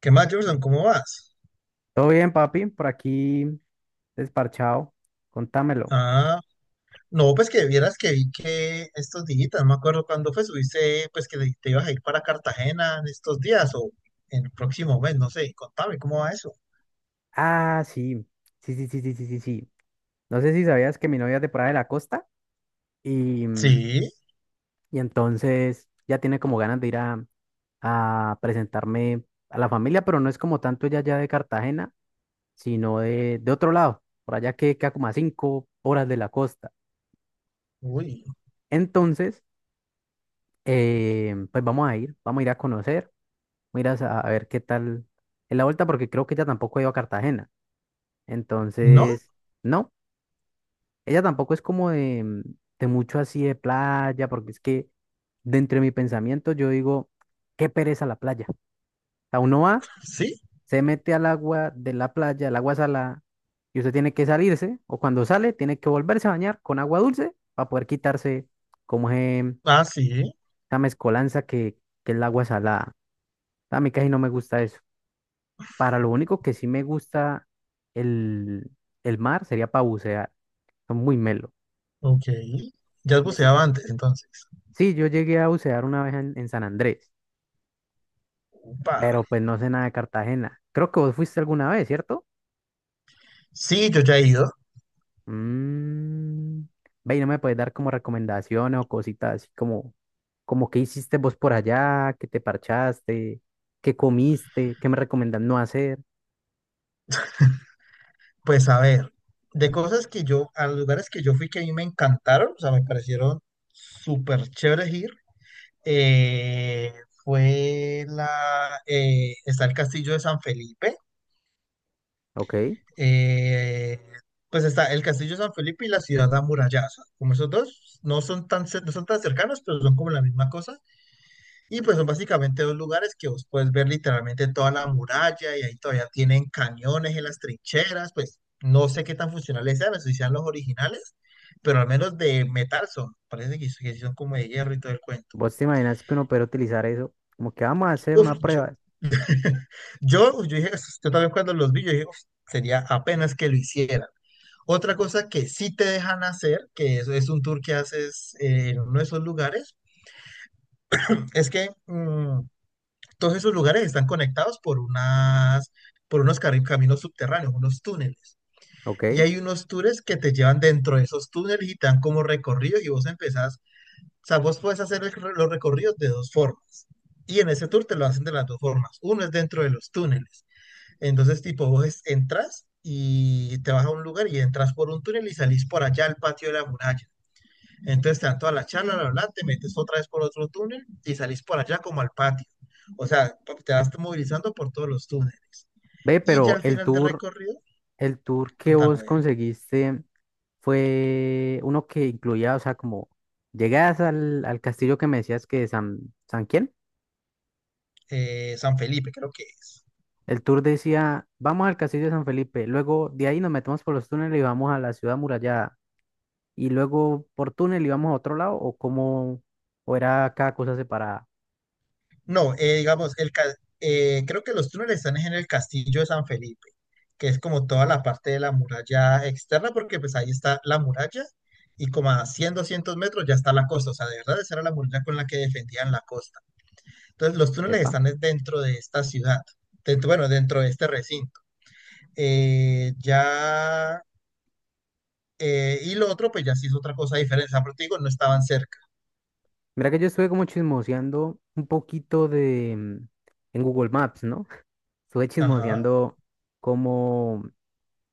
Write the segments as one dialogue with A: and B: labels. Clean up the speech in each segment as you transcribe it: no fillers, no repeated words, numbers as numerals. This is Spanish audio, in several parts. A: ¿Qué más, Jordan? ¿Cómo vas?
B: Todo bien, papi, por aquí desparchado. Contámelo.
A: Ah, no, pues que vieras que vi que estos días, no me acuerdo cuándo fue, subiste, pues que te ibas a ir para Cartagena en estos días o en el próximo mes, no sé, contame, ¿cómo va eso?
B: Ah, sí. Sí, sí, sí, sí, sí, sí, sí. No sé si sabías que mi novia es de por ahí de la costa y, mm,
A: Sí,
B: y entonces ya tiene como ganas de ir a presentarme a la familia, pero no es como tanto ella ya de Cartagena, sino de otro lado, por allá que queda como a 5 horas de la costa.
A: uy,
B: Entonces, pues vamos a ir a conocer, vamos a ir a, a ver qué tal es la vuelta, porque creo que ella tampoco ha ido a Cartagena.
A: ¿no?
B: Entonces, no, ella tampoco es como de mucho así de playa, porque es que dentro de mi pensamiento yo digo, qué pereza la playa. O sea, uno va,
A: Sí,
B: se mete al agua de la playa, el agua salada, y usted tiene que salirse, o cuando sale, tiene que volverse a bañar con agua dulce para poder quitarse como
A: ah, sí,
B: esa mezcolanza que es el agua salada. A mí casi no me gusta eso. Para lo único que sí me gusta el, el mar sería para bucear, son muy melo.
A: ok. ¿Ya has buceado antes, entonces?
B: Sí, yo llegué a bucear una vez en San Andrés,
A: Upa.
B: pero pues no sé nada de Cartagena. Creo que vos fuiste alguna vez, ¿cierto?
A: Sí, yo ya he ido.
B: Mm, ve, ¿y no me puedes dar como recomendaciones o cositas así como qué hiciste vos por allá, qué te parchaste, qué comiste, qué me recomendás no hacer?
A: Pues a ver, de cosas que yo, a los lugares que yo fui que a mí me encantaron, o sea, me parecieron súper chéveres ir. eh, Fue la, está el castillo de San Felipe.
B: ¿Ok?
A: eh, pues está el castillo de San Felipe y la ciudad amurallada, como esos dos no son tan, no son tan cercanos, pero son como la misma cosa, y pues son básicamente dos lugares que vos puedes ver literalmente toda la muralla, y ahí todavía tienen cañones en las trincheras. Pues no sé qué tan funcionales sean, no sé si sean los originales, pero al menos de metal son, parece que sí son como de hierro y todo el cuento.
B: Vos te imaginas que uno puede utilizar eso, como que vamos a hacer
A: Uf,
B: una prueba.
A: yo, yo dije, "Es- yo también cuando los vi, yo dije, "Uf, sería apenas que lo hicieran". Otra cosa que sí te dejan hacer, que eso es un tour que haces en uno de esos lugares, es que todos esos lugares están conectados por unas, por caminos subterráneos, unos túneles.
B: ¿Ok?
A: Y hay unos tours que te llevan dentro de esos túneles y te dan como recorrido y vos empezás, o sea, vos puedes hacer los recorridos de dos formas. Y en ese tour te lo hacen de las dos formas. Uno es dentro de los túneles. Entonces, tipo, vos entras y te vas a un lugar y entras por un túnel y salís por allá al patio de la muralla. Entonces te dan toda la charla, bla, bla, te metes otra vez por otro túnel y salís por allá como al patio. O sea, te vas movilizando por todos los túneles.
B: Ve,
A: Y ya
B: pero
A: al final del recorrido,
B: el tour que vos
A: contame.
B: conseguiste fue uno que incluía, o sea, como llegadas al castillo que me decías que San, ¿San quién?
A: San Felipe creo que es.
B: El tour decía, vamos al castillo de San Felipe, luego de ahí nos metemos por los túneles y vamos a la ciudad murallada, y luego por túnel íbamos a otro lado, ¿o cómo, o era cada cosa separada?
A: No, digamos, creo que los túneles están en el castillo de San Felipe, que es como toda la parte de la muralla externa, porque pues ahí está la muralla y como a 100, 200 metros ya está la costa, o sea, de verdad esa era la muralla con la que defendían la costa. Entonces los túneles
B: ¿Epa?
A: están es dentro de esta ciudad, dentro, bueno, dentro de este recinto. Eh, ya, y lo otro pues ya sí es otra cosa diferente, o sea, pero te digo, no estaban cerca.
B: Mira que yo estuve como chismoseando un poquito de en Google Maps, ¿no? Estuve
A: Ajá,
B: chismoseando cómo,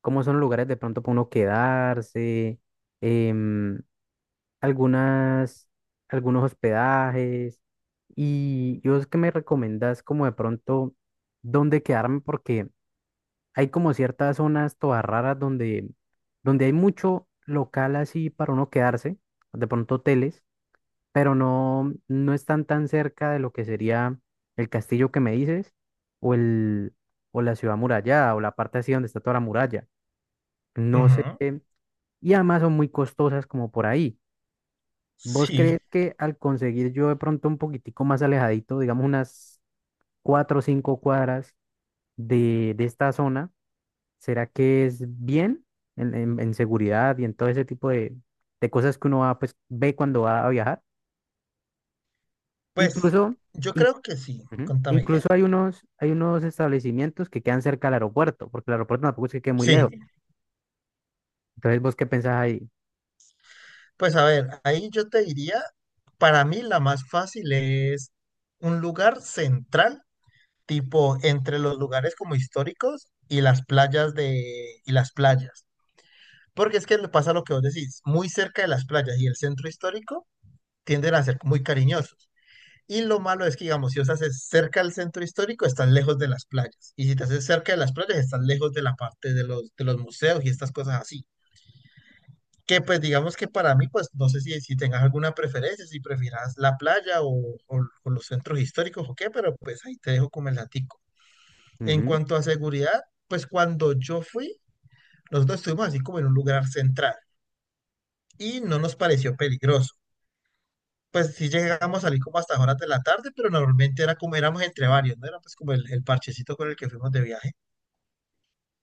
B: cómo son los lugares de pronto para uno quedarse, em, algunas, algunos hospedajes. Y vos que me recomendás como de pronto dónde quedarme, porque hay como ciertas zonas todas raras donde hay mucho local así para uno quedarse, de pronto hoteles, pero no, no están tan cerca de lo que sería el castillo que me dices, o el, o la ciudad amurallada o la parte así donde está toda la muralla. No sé,
A: ujú,
B: y además son muy costosas como por ahí. ¿Vos crees
A: sí,
B: que al conseguir yo de pronto un poquitico más alejadito, digamos unas 4 o 5 cuadras de esta zona, será que es bien en seguridad y en todo ese tipo de cosas que uno va, pues, ve cuando va a viajar?
A: pues
B: Incluso...
A: yo creo que sí,
B: Ujú.
A: contame qué.
B: Incluso hay unos establecimientos que quedan cerca del aeropuerto, porque el aeropuerto tampoco es que quede muy lejos.
A: Sí.
B: Entonces, ¿vos qué pensás ahí?
A: Pues a ver, ahí yo te diría, para mí la más fácil es un lugar central, tipo entre los lugares como históricos y las playas, porque es que le pasa lo que vos decís, muy cerca de las playas y el centro histórico tienden a ser muy cariñosos. Y lo malo es que, digamos, si os haces cerca del centro histórico, estás lejos de las playas. Y si te haces cerca de las playas, estás lejos de la parte de los, museos y estas cosas así. Que pues digamos que para mí, pues no sé si, si tengas alguna preferencia, si prefieras la playa o, o los centros históricos o qué, pero pues ahí te dejo como el latico. En
B: Ujú.
A: cuanto a seguridad, pues cuando yo fui, nosotros estuvimos así como en un lugar central y no nos pareció peligroso. Pues sí llegamos a salir como hasta horas de la tarde, pero normalmente era como éramos entre varios, ¿no? Era pues como el parchecito con el que fuimos de viaje.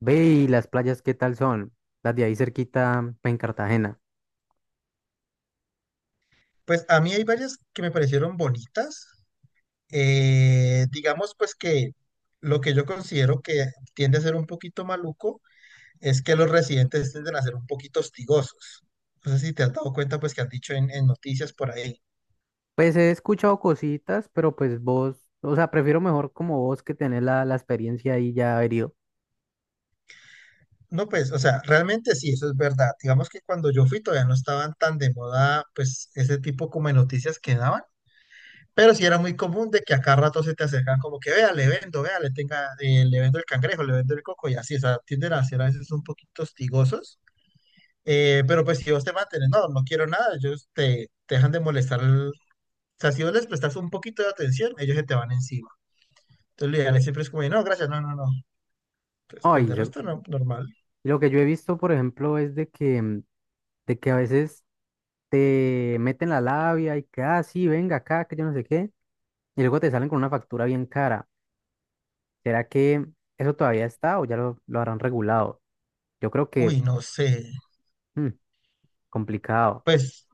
B: Ve, y las playas, ¿qué tal son? Las de ahí cerquita, pues, en Cartagena.
A: Pues a mí hay varias que me parecieron bonitas. Digamos pues que lo que yo considero que tiende a ser un poquito maluco es que los residentes tienden a ser un poquito hostigosos. No sé si te has dado cuenta pues que han dicho en noticias por ahí.
B: Pues he escuchado cositas, pero pues vos, o sea, prefiero mejor como vos que tener la experiencia ahí ya herido.
A: No, pues, o sea, realmente sí, eso es verdad. Digamos que cuando yo fui todavía no estaban tan de moda pues ese tipo como de noticias que daban, pero sí era muy común de que a cada rato se te acercan como que, vea, le vendo, vea, le tenga, le vendo el cangrejo, le vendo el coco y así, o sea, tienden a ser a veces un poquito hostigosos. Pero pues si vos te mantienes, no, no quiero nada, ellos te dejan de molestar. O sea, si vos les prestas un poquito de atención, ellos se te van encima. Entonces lo ideal es siempre es como, no, gracias, no, no, no. Pues
B: Ay,
A: de resto no, normal.
B: lo que yo he visto, por ejemplo, es de que a veces te meten la labia y que, ah, sí, venga acá, que yo no sé qué, y luego te salen con una factura bien cara. ¿Será que eso todavía está o ya lo habrán regulado? Yo creo que
A: Uy, no sé.
B: mm, complicado.
A: Pues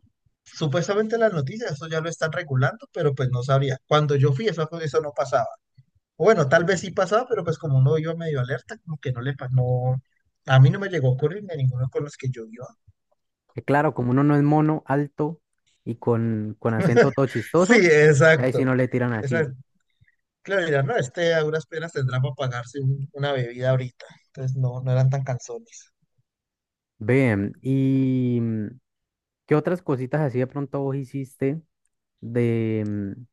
A: supuestamente las noticias, eso ya lo están regulando, pero pues no sabría. Cuando yo fui, eso no pasaba. O bueno, tal vez
B: Mm,
A: sí pasaba, pero pues como uno iba medio alerta, como que no le pasó. No, a mí no me llegó a ocurrir ni a ninguno con los que yo iba.
B: que claro, como uno no es mono, alto y con acento todo
A: Sí,
B: chistoso, ahí sí
A: exacto.
B: no le tiran así.
A: Exacto. Claro, mira, no, este a duras penas tendrá para pagarse una bebida ahorita. Entonces no, no eran tan cansones.
B: Bien, ¿y qué otras cositas así de pronto vos hiciste, de mm,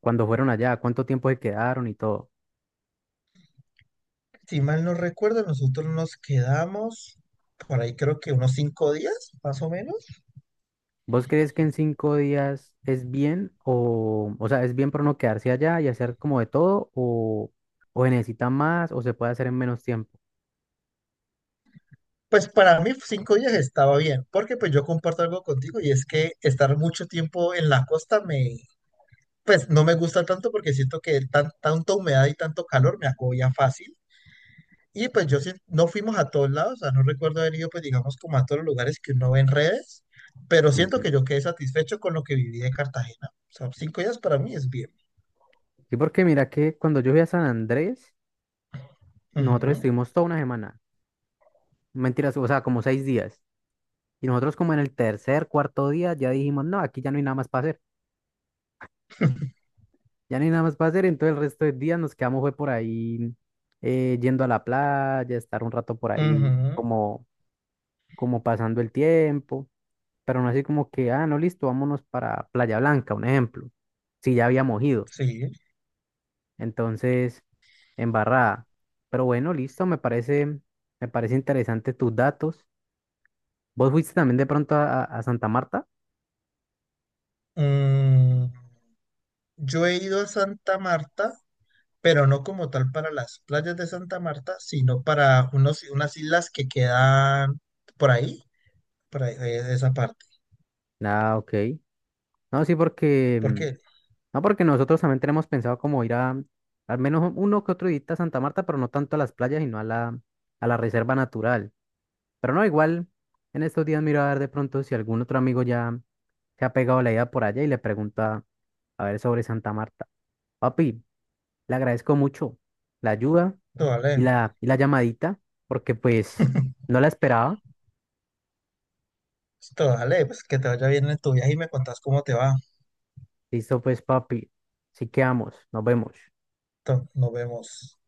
B: cuando fueron allá? ¿Cuánto tiempo se quedaron y todo?
A: Si mal no recuerdo, nosotros nos quedamos por ahí creo que unos 5 días, más o menos.
B: ¿Vos crees que en 5 días es bien o sea, es bien para no quedarse allá y hacer como de todo, o se necesita más o se puede hacer en menos tiempo?
A: Pues para mí 5 días estaba bien, porque pues yo comparto algo contigo y es que estar mucho tiempo en la costa pues no me gusta tanto porque siento que tanta humedad y tanto calor me agobia fácil. Y pues yo sí, no fuimos a todos lados, o sea, no recuerdo haber ido, pues digamos, como a todos los lugares que uno ve en redes, pero siento
B: Ujú.
A: que yo quedé satisfecho con lo que viví de Cartagena. O sea, 5 días para mí es bien.
B: Sí, porque mira que cuando yo fui a San Andrés, nosotros
A: Ujú,
B: estuvimos toda una semana, mentiras, o sea, como 6 días. Y nosotros como en el tercer, cuarto día ya dijimos, no, aquí ya no hay nada más para hacer, ya no hay nada más para hacer, entonces el resto de días nos quedamos fue por ahí, yendo a la playa, estar un rato por ahí
A: ujú,
B: como, como pasando el tiempo. Pero no así como que, ah, no, listo, vámonos para Playa Blanca, un ejemplo, si ya habíamos ido,
A: sí.
B: entonces, embarrada. Pero bueno, listo, me parece interesante tus datos. ¿Vos fuiste también de pronto a Santa Marta?
A: Mm, yo he ido a Santa Marta, pero no como tal para las playas de Santa Marta, sino para unos, unas islas que quedan por ahí, por ahí, esa parte.
B: Ah, ok. No, sí, porque,
A: Porque,
B: no, porque nosotros también tenemos pensado como ir al menos uno que otro día a Santa Marta, pero no tanto a las playas, sino a la reserva natural. Pero no, igual, en estos días miro a ver de pronto si algún otro amigo ya se ha pegado la idea por allá y le pregunta a ver sobre Santa Marta. Papi, le agradezco mucho la ayuda
A: esto
B: y
A: vale,
B: y la llamadita, porque pues no la esperaba.
A: esto vale, pues que te vaya bien en tu viaje y me contás cómo te va.
B: Listo, pues, papi. Así quedamos. Nos vemos.
A: Entonces, nos vemos.